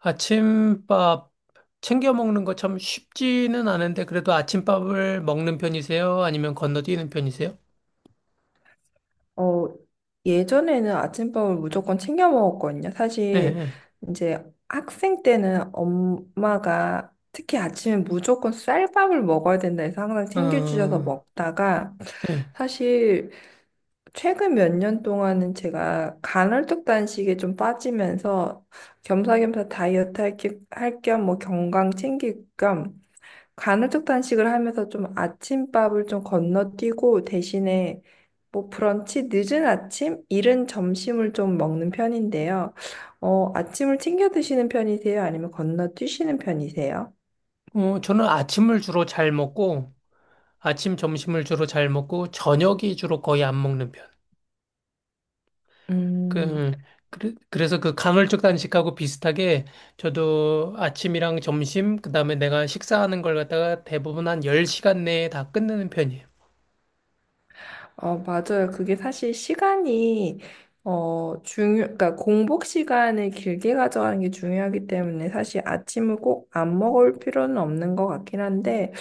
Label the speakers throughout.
Speaker 1: 아침밥 챙겨 먹는 거 참 쉽지는 않은데 그래도 아침밥을 먹는 편이세요? 아니면 건너뛰는 편이세요?
Speaker 2: 어, 예전에는 아침밥을 무조건 챙겨 먹었거든요. 사실
Speaker 1: 네,
Speaker 2: 이제 학생 때는 엄마가 특히 아침에 무조건 쌀밥을 먹어야 된다 해서 항상
Speaker 1: 네.
Speaker 2: 챙겨주셔서
Speaker 1: 어,
Speaker 2: 먹다가
Speaker 1: 네.
Speaker 2: 사실 최근 몇 년 동안은 제가 간헐적 단식에 좀 빠지면서 겸사겸사 다이어트 할 겸 뭐 건강 챙길 겸 간헐적 단식을 하면서 좀 아침밥을 좀 건너뛰고 대신에 뭐 브런치 늦은 아침, 이른 점심을 좀 먹는 편인데요. 아침을 챙겨 드시는 편이세요? 아니면 건너뛰시는 편이세요?
Speaker 1: 저는 아침을 주로 잘 먹고 아침 점심을 주로 잘 먹고 저녁이 주로 거의 안 먹는 편.
Speaker 2: 음.
Speaker 1: 그 그래서 그 간헐적 단식하고 비슷하게 저도 아침이랑 점심 그다음에 내가 식사하는 걸 갖다가 대부분 한 10시간 내에 다 끝내는 편이에요.
Speaker 2: 맞아요. 그게 사실 시간이, 중요, 그러니까 공복 시간을 길게 가져가는 게 중요하기 때문에 사실 아침을 꼭 안 먹을 필요는 없는 것 같긴 한데,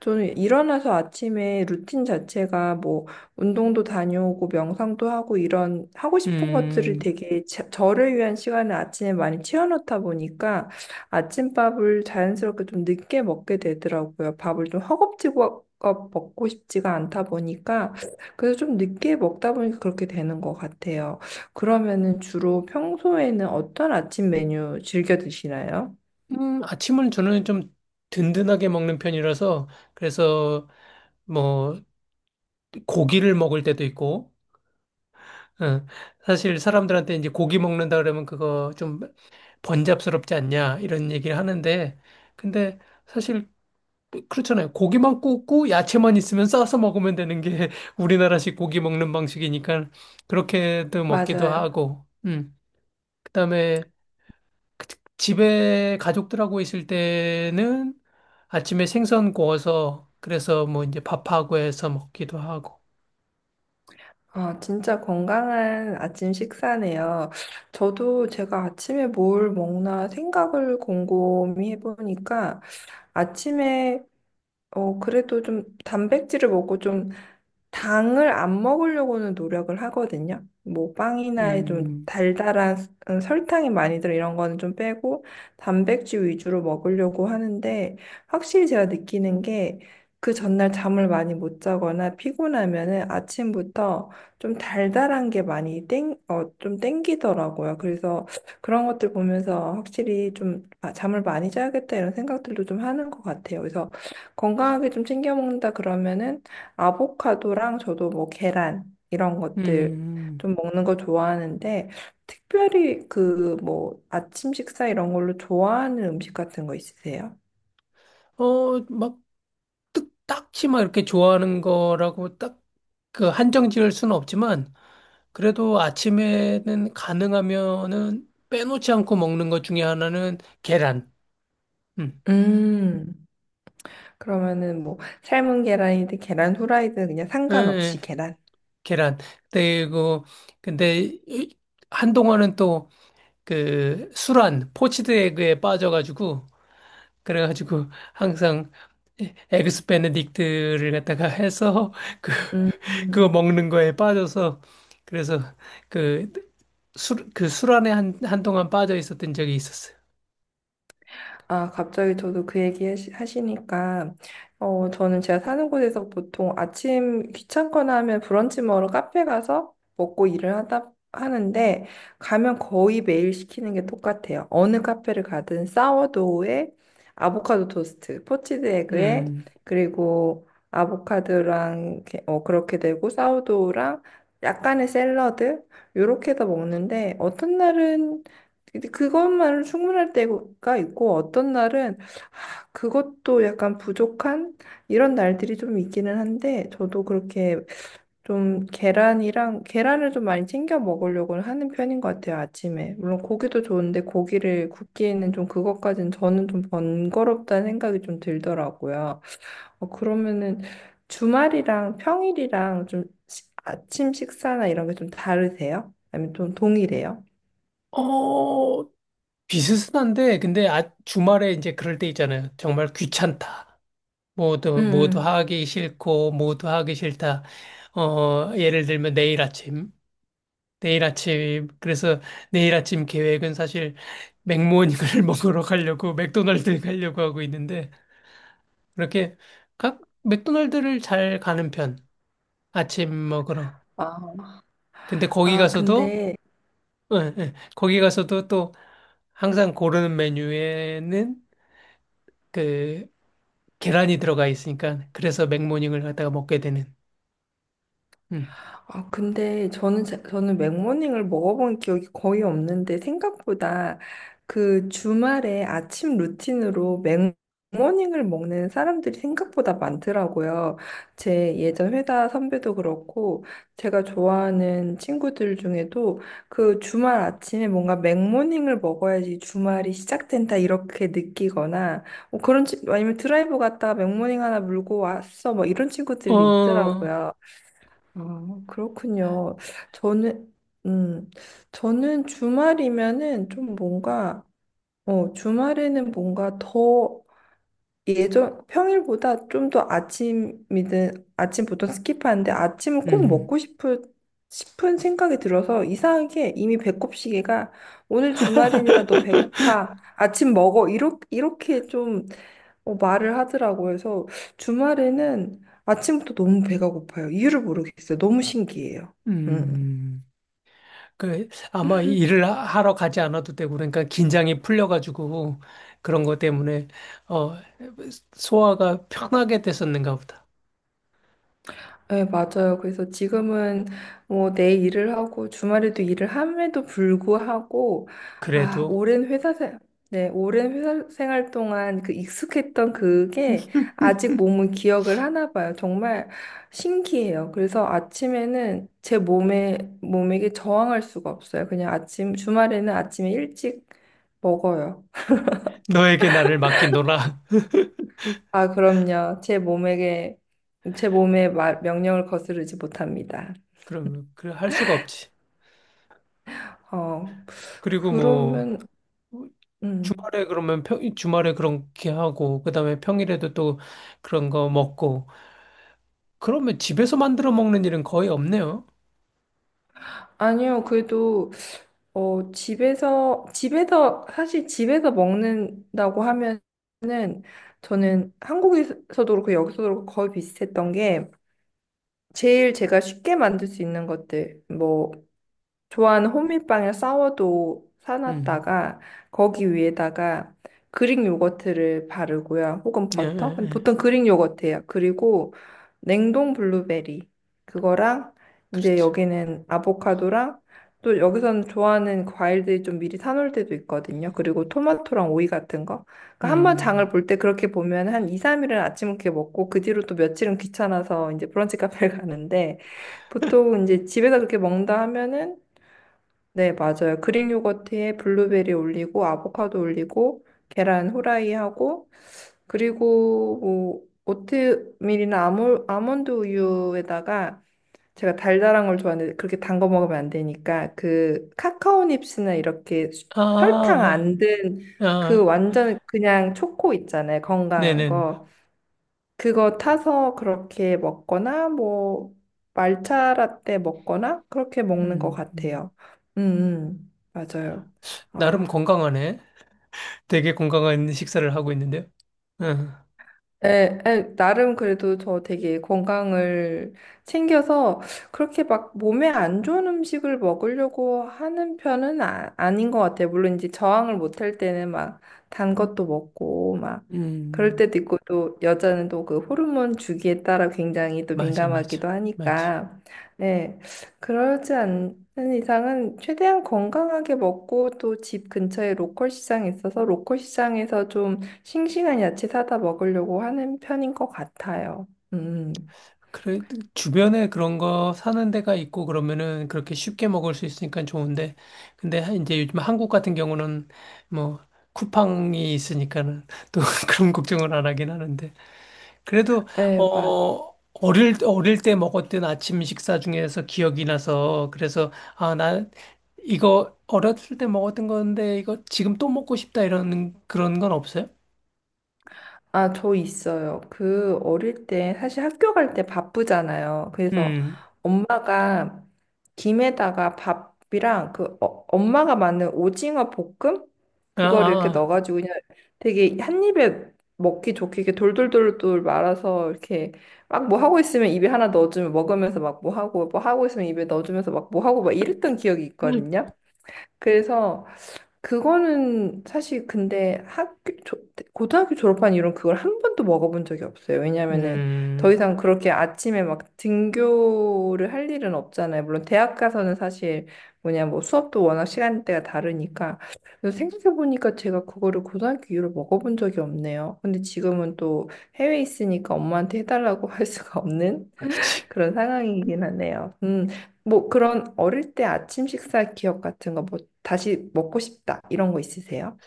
Speaker 2: 저는 일어나서 아침에 루틴 자체가 뭐, 운동도 다녀오고, 명상도 하고, 이런 하고 싶은 것들을
Speaker 1: 음.
Speaker 2: 되게 저를 위한 시간을 아침에 많이 채워놓다 보니까 아침밥을 자연스럽게 좀 늦게 먹게 되더라고요. 밥을 좀 허겁지겁 먹고 싶지가 않다 보니까, 그래서 좀 늦게 먹다 보니까 그렇게 되는 것 같아요. 그러면은 주로 평소에는 어떤 아침 메뉴 즐겨 드시나요?
Speaker 1: 아침을 저는 좀 든든하게 먹는 편이라서 그래서 뭐 고기를 먹을 때도 있고 어, 사실 사람들한테 이제 고기 먹는다 그러면 그거 좀 번잡스럽지 않냐 이런 얘기를 하는데 근데 사실 그렇잖아요. 고기만 굽고 야채만 있으면 싸서 먹으면 되는 게 우리나라식 고기 먹는 방식이니까 그렇게도 먹기도
Speaker 2: 맞아요.
Speaker 1: 하고. 음. 그다음에 그- 집에 가족들하고 있을 때는 아침에 생선 구워서 그래서 뭐 이제 밥하고 해서 먹기도 하고.
Speaker 2: 아, 진짜 건강한 아침 식사네요. 저도 제가 아침에 뭘 먹나 생각을 곰곰이 해보니까 아침에 그래도 좀 단백질을 먹고 좀 당을 안 먹으려고는 노력을 하거든요. 뭐 빵이나 좀
Speaker 1: 음,
Speaker 2: 달달한 설탕이 많이 들어 이런 거는 좀 빼고 단백질 위주로 먹으려고 하는데 확실히 제가 느끼는 게 그 전날 잠을 많이 못 자거나 피곤하면은 아침부터 좀 달달한 게 많이 좀 땡기더라고요. 그래서 그런 것들 보면서 확실히 좀 아, 잠을 많이 자야겠다 이런 생각들도 좀 하는 것 같아요. 그래서 건강하게 좀 챙겨 먹는다 그러면은 아보카도랑 저도 뭐 계란 이런 것들
Speaker 1: 음,
Speaker 2: 좀 먹는 거 좋아하는데 특별히 그 뭐 아침 식사 이런 걸로 좋아하는 음식 같은 거 있으세요?
Speaker 1: 어, 막 딱히 막 이렇게 좋아하는 거라고 딱 그 한정 지을 수는 없지만 그래도 아침에는 가능하면은 빼놓지 않고 먹는 것 중에 하나는 계란. 음.
Speaker 2: 음. 그러면은 뭐 삶은 계란이든 계란 후라이든 그냥
Speaker 1: 예,
Speaker 2: 상관없이
Speaker 1: 예.
Speaker 2: 계란.
Speaker 1: 계란. 그리고 근데 이- 한동안은 또 그 술안 포치드 에그에 빠져가지고 그래가지고 항상 에그스 베네딕트를 갖다가 해서 그 그거
Speaker 2: 음.
Speaker 1: 먹는 거에 빠져서 그래서 그 술, 그 술안에 한동안 빠져 있었던 적이 있었어요.
Speaker 2: 아, 갑자기 저도 그 얘기 하시니까, 저는 제가 사는 곳에서 보통 아침 귀찮거나 하면 브런치 먹으러 카페 가서 먹고 일을 하다 하는데, 가면 거의 매일 시키는 게 똑같아요. 어느 카페를 가든 사워도우에 아보카도 토스트, 포치드 에그에,
Speaker 1: 음,
Speaker 2: 그리고 아보카도랑, 그렇게 되고, 사워도우랑 약간의 샐러드, 요렇게 해서 먹는데, 어떤 날은 근데 그것만으로 충분할 때가 있고 어떤 날은 그것도 약간 부족한 이런 날들이 좀 있기는 한데 저도 그렇게 좀 계란이랑 계란을 좀 많이 챙겨 먹으려고 하는 편인 것 같아요 아침에. 물론 고기도 좋은데 고기를 굽기에는 좀 그것까지는 저는 좀 번거롭다는 생각이 좀 들더라고요. 그러면은 주말이랑 평일이랑 좀 아침 식사나 이런 게 좀 다르세요? 아니면 좀 동일해요?
Speaker 1: 어, 비슷한데, 근데 아, 주말에 이제 그럴 때 있잖아요. 정말 귀찮다.
Speaker 2: 음,
Speaker 1: 모두
Speaker 2: 음.
Speaker 1: 하기 싫고, 모두 하기 싫다. 어, 예를 들면 내일 아침. 내일 아침, 그래서 내일 아침 계획은 사실 맥모닝을 먹으러 가려고 맥도날드 가려고 하고 있는데, 그렇게 각 맥도날드를 잘 가는 편, 아침 먹으러.
Speaker 2: 아,
Speaker 1: 근데 거기
Speaker 2: 아,
Speaker 1: 가서도,
Speaker 2: 근데,
Speaker 1: 예, 예, 거기 가서도 또 항상 고르는 메뉴에는 그 계란이 들어가 있으니까, 그래서 맥모닝을 갖다가 먹게 되는. 음.
Speaker 2: 근데 저는, 저는 맥모닝을 먹어본 기억이 거의 없는데, 생각보다 그 주말에 아침 루틴으로 맥모닝을 먹는 사람들이 생각보다 많더라고요. 제 예전 회사 선배도 그렇고, 제가 좋아하는 친구들 중에도 그 주말 아침에 뭔가 맥모닝을 먹어야지 주말이 시작된다 이렇게 느끼거나, 뭐 그런, 아니면 드라이브 갔다가 맥모닝 하나 물고 왔어, 뭐 이런 친구들이
Speaker 1: 어,
Speaker 2: 있더라고요. 아, 그렇군요. 저는, 음, 저는 주말이면은 좀 뭔가, 주말에는 뭔가 더 예전, 평일보다 좀 더 아침이든, 아침 보통 스킵하는데 아침을 꼭
Speaker 1: 음,
Speaker 2: 먹고 싶은 생각이 들어서 이상하게 이미 배꼽 시계가 오늘 주말이니까 너 배고파. 아침 먹어. 이렇게 좀 말을 하더라고. 그래서 주말에는 아침부터 너무 배가 고파요. 이유를 모르겠어요. 너무 신기해요. 음.
Speaker 1: 음. 그 아마 이 일을 하러 가지 않아도 되고 그러니까 긴장이 풀려가지고 그런 것 때문에 어 소화가 편하게 됐었는가 보다.
Speaker 2: 네, 맞아요. 그래서 지금은 뭐 내 일을 하고 주말에도 일을 함에도 불구하고 아,
Speaker 1: 그래도
Speaker 2: 오랜 회사 생 네, 오랜 회사 생활 동안 그 익숙했던 그게 아직 몸은 기억을 하나 봐요. 정말 신기해요. 그래서 아침에는 제 몸에게 저항할 수가 없어요. 그냥 아침 주말에는 아침에 일찍 먹어요.
Speaker 1: 너에게 나를 맡긴노라.
Speaker 2: 아, 그럼요. 제 몸에게 명령을 거스르지 못합니다.
Speaker 1: 그러면 그할 수가 없지.
Speaker 2: 아,
Speaker 1: 그리고 뭐
Speaker 2: 그러면, 음.
Speaker 1: 주말에 그러면 주말에 그렇게 하고 그다음에 평일에도 또 그런 거 먹고 그러면 집에서 만들어 먹는 일은 거의 없네요.
Speaker 2: 아니요, 그래도, 집에서, 사실 집에서 먹는다고 하면은, 저는 한국에서도 그렇고 여기서도 그렇고 거의 비슷했던 게, 제일 제가 쉽게 만들 수 있는 것들, 뭐, 좋아하는 호밀빵을 사워도
Speaker 1: 음,
Speaker 2: 사놨다가 거기 위에다가 그릭 요거트를 바르고요. 혹은
Speaker 1: 예, 예,
Speaker 2: 버터? 근데
Speaker 1: 예.
Speaker 2: 보통 그릭 요거트예요. 그리고 냉동 블루베리 그거랑
Speaker 1: 그렇
Speaker 2: 이제
Speaker 1: 죠
Speaker 2: 여기는 아보카도랑 또 여기서는 좋아하는 그 과일들이 좀 미리 사놓을 때도 있거든요. 그리고 토마토랑 오이 같은 거. 그러니까 한 번 장을
Speaker 1: 음,
Speaker 2: 볼 때 그렇게 보면 한 2, 3일은 아침 이렇게 먹고 그 뒤로 또 며칠은 귀찮아서 이제 브런치 카페를 가는데 보통 이제 집에서 그렇게 먹는다 하면은, 네, 맞아요. 그릭 요거트에 블루베리 올리고 아보카도 올리고 계란 후라이 하고 그리고 뭐 오트밀이나 아몬드 우유에다가 제가 달달한 걸 좋아하는데 그렇게 단 거 먹으면 안 되니까 그 카카오 닙스나 이렇게 설탕
Speaker 1: 아,
Speaker 2: 안 든
Speaker 1: 아,
Speaker 2: 그
Speaker 1: 아.
Speaker 2: 완전 그냥 초코 있잖아요. 건강한
Speaker 1: 네네.
Speaker 2: 거. 그거 타서 그렇게 먹거나 뭐 말차 라떼 먹거나 그렇게 먹는 것
Speaker 1: 음, 음.
Speaker 2: 같아요. 음, 맞아요.
Speaker 1: 나름
Speaker 2: 아,
Speaker 1: 건강하네. 되게 건강한 식사를 하고 있는데요. 응,
Speaker 2: 에, 에, 나름 그래도 저 되게 건강을 챙겨서 그렇게 막 몸에 안 좋은 음식을 먹으려고 하는 편은 아닌 것 같아요. 물론 이제 저항을 못 할 때는 막 단 것도 먹고 막 그럴
Speaker 1: 음,
Speaker 2: 때도 있고 또 여자는 또 그 호르몬 주기에 따라 굉장히 또
Speaker 1: 맞아, 맞아,
Speaker 2: 민감하기도
Speaker 1: 맞아.
Speaker 2: 하니까 네, 그러지 않는 이상은 최대한 건강하게 먹고 또 집 근처에 로컬 시장이 있어서 로컬 시장에서 좀 싱싱한 야채 사다 먹으려고 하는 편인 것 같아요. 음,
Speaker 1: 그래, 주변에 그런 거 사는 데가 있고 그러면은 그렇게 쉽게 먹을 수 있으니까 좋은데, 근데 이제 요즘 한국 같은 경우는 뭐 쿠팡이 있으니까는 또 그런 걱정을 안 하긴 하는데. 그래도
Speaker 2: 네, 맞.
Speaker 1: 어 어릴 때 먹었던 아침 식사 중에서 기억이 나서 그래서 아 나 이거 어렸을 때 먹었던 건데 이거 지금 또 먹고 싶다 이런 그런 건 없어요?
Speaker 2: 아, 저 있어요. 그 어릴 때 사실 학교 갈 때 바쁘잖아요. 그래서
Speaker 1: 음.
Speaker 2: 엄마가 김에다가 밥이랑 그 엄마가 만든 오징어 볶음
Speaker 1: 아,
Speaker 2: 그거를 이렇게
Speaker 1: 아.
Speaker 2: 넣어가지고 그냥 되게 한 입에 먹기 좋게 이렇게 돌돌돌돌 말아서 이렇게 막 뭐 하고 있으면 입에 하나 넣어주면 먹으면서 막 뭐 하고 뭐 하고 있으면 입에 넣어주면서 막 뭐 하고 막 이랬던 기억이 있거든요. 그래서 그거는 사실 근데 학교 고등학교 졸업한 이후로 그걸 한 번도 먹어본 적이 없어요. 왜냐면은 더
Speaker 1: 음.
Speaker 2: 이상 그렇게 아침에 막 등교를 할 일은 없잖아요. 물론 대학 가서는 사실 뭐냐 뭐 수업도 워낙 시간대가 다르니까. 그래서 생각해보니까 제가 그거를 고등학교 이후로 먹어본 적이 없네요. 근데 지금은 또 해외에 있으니까 엄마한테 해달라고 할 수가 없는
Speaker 1: 그렇지.
Speaker 2: 그런 상황이긴 하네요. 뭐 그런 어릴 때 아침 식사 기억 같은 거 뭐 다시 먹고 싶다 이런 거 있으세요?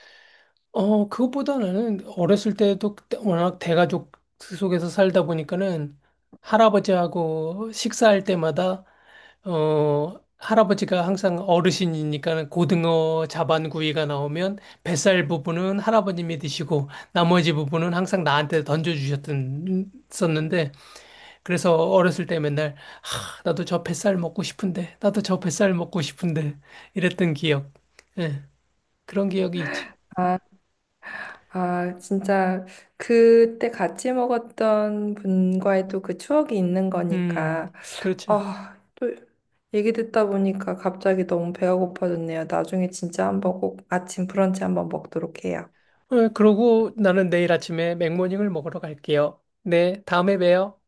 Speaker 1: 어 그것보다 는 어렸을 때도 그때 워낙 대가족 속에서 살다 보니까는 할아버지하고 식사할 때마다 어, 할아버지가 항상 어르신이니까 고등어 자반구이가 나오면 뱃살 부분은 할아버님이 드시고 나머지 부분은 항상 나한테 던져주셨던 썼는데 그래서 어렸을 때 맨날 하, 나도 저 뱃살 먹고 싶은데 나도 저 뱃살 먹고 싶은데 이랬던 기억. 예, 그런 기억이 있죠.
Speaker 2: 아, 아, 진짜 그때 같이 먹었던 분과의 또 그 추억이 있는
Speaker 1: 음,
Speaker 2: 거니까
Speaker 1: 그렇죠.
Speaker 2: 아, 또 얘기 듣다 보니까 갑자기 너무 배가 고파졌네요. 나중에 진짜 한번 꼭 아침 브런치 한번 먹도록 해요.
Speaker 1: 어, 그러고 나는 내일 아침에 맥모닝을 먹으러 갈게요. 네, 다음에 봬요.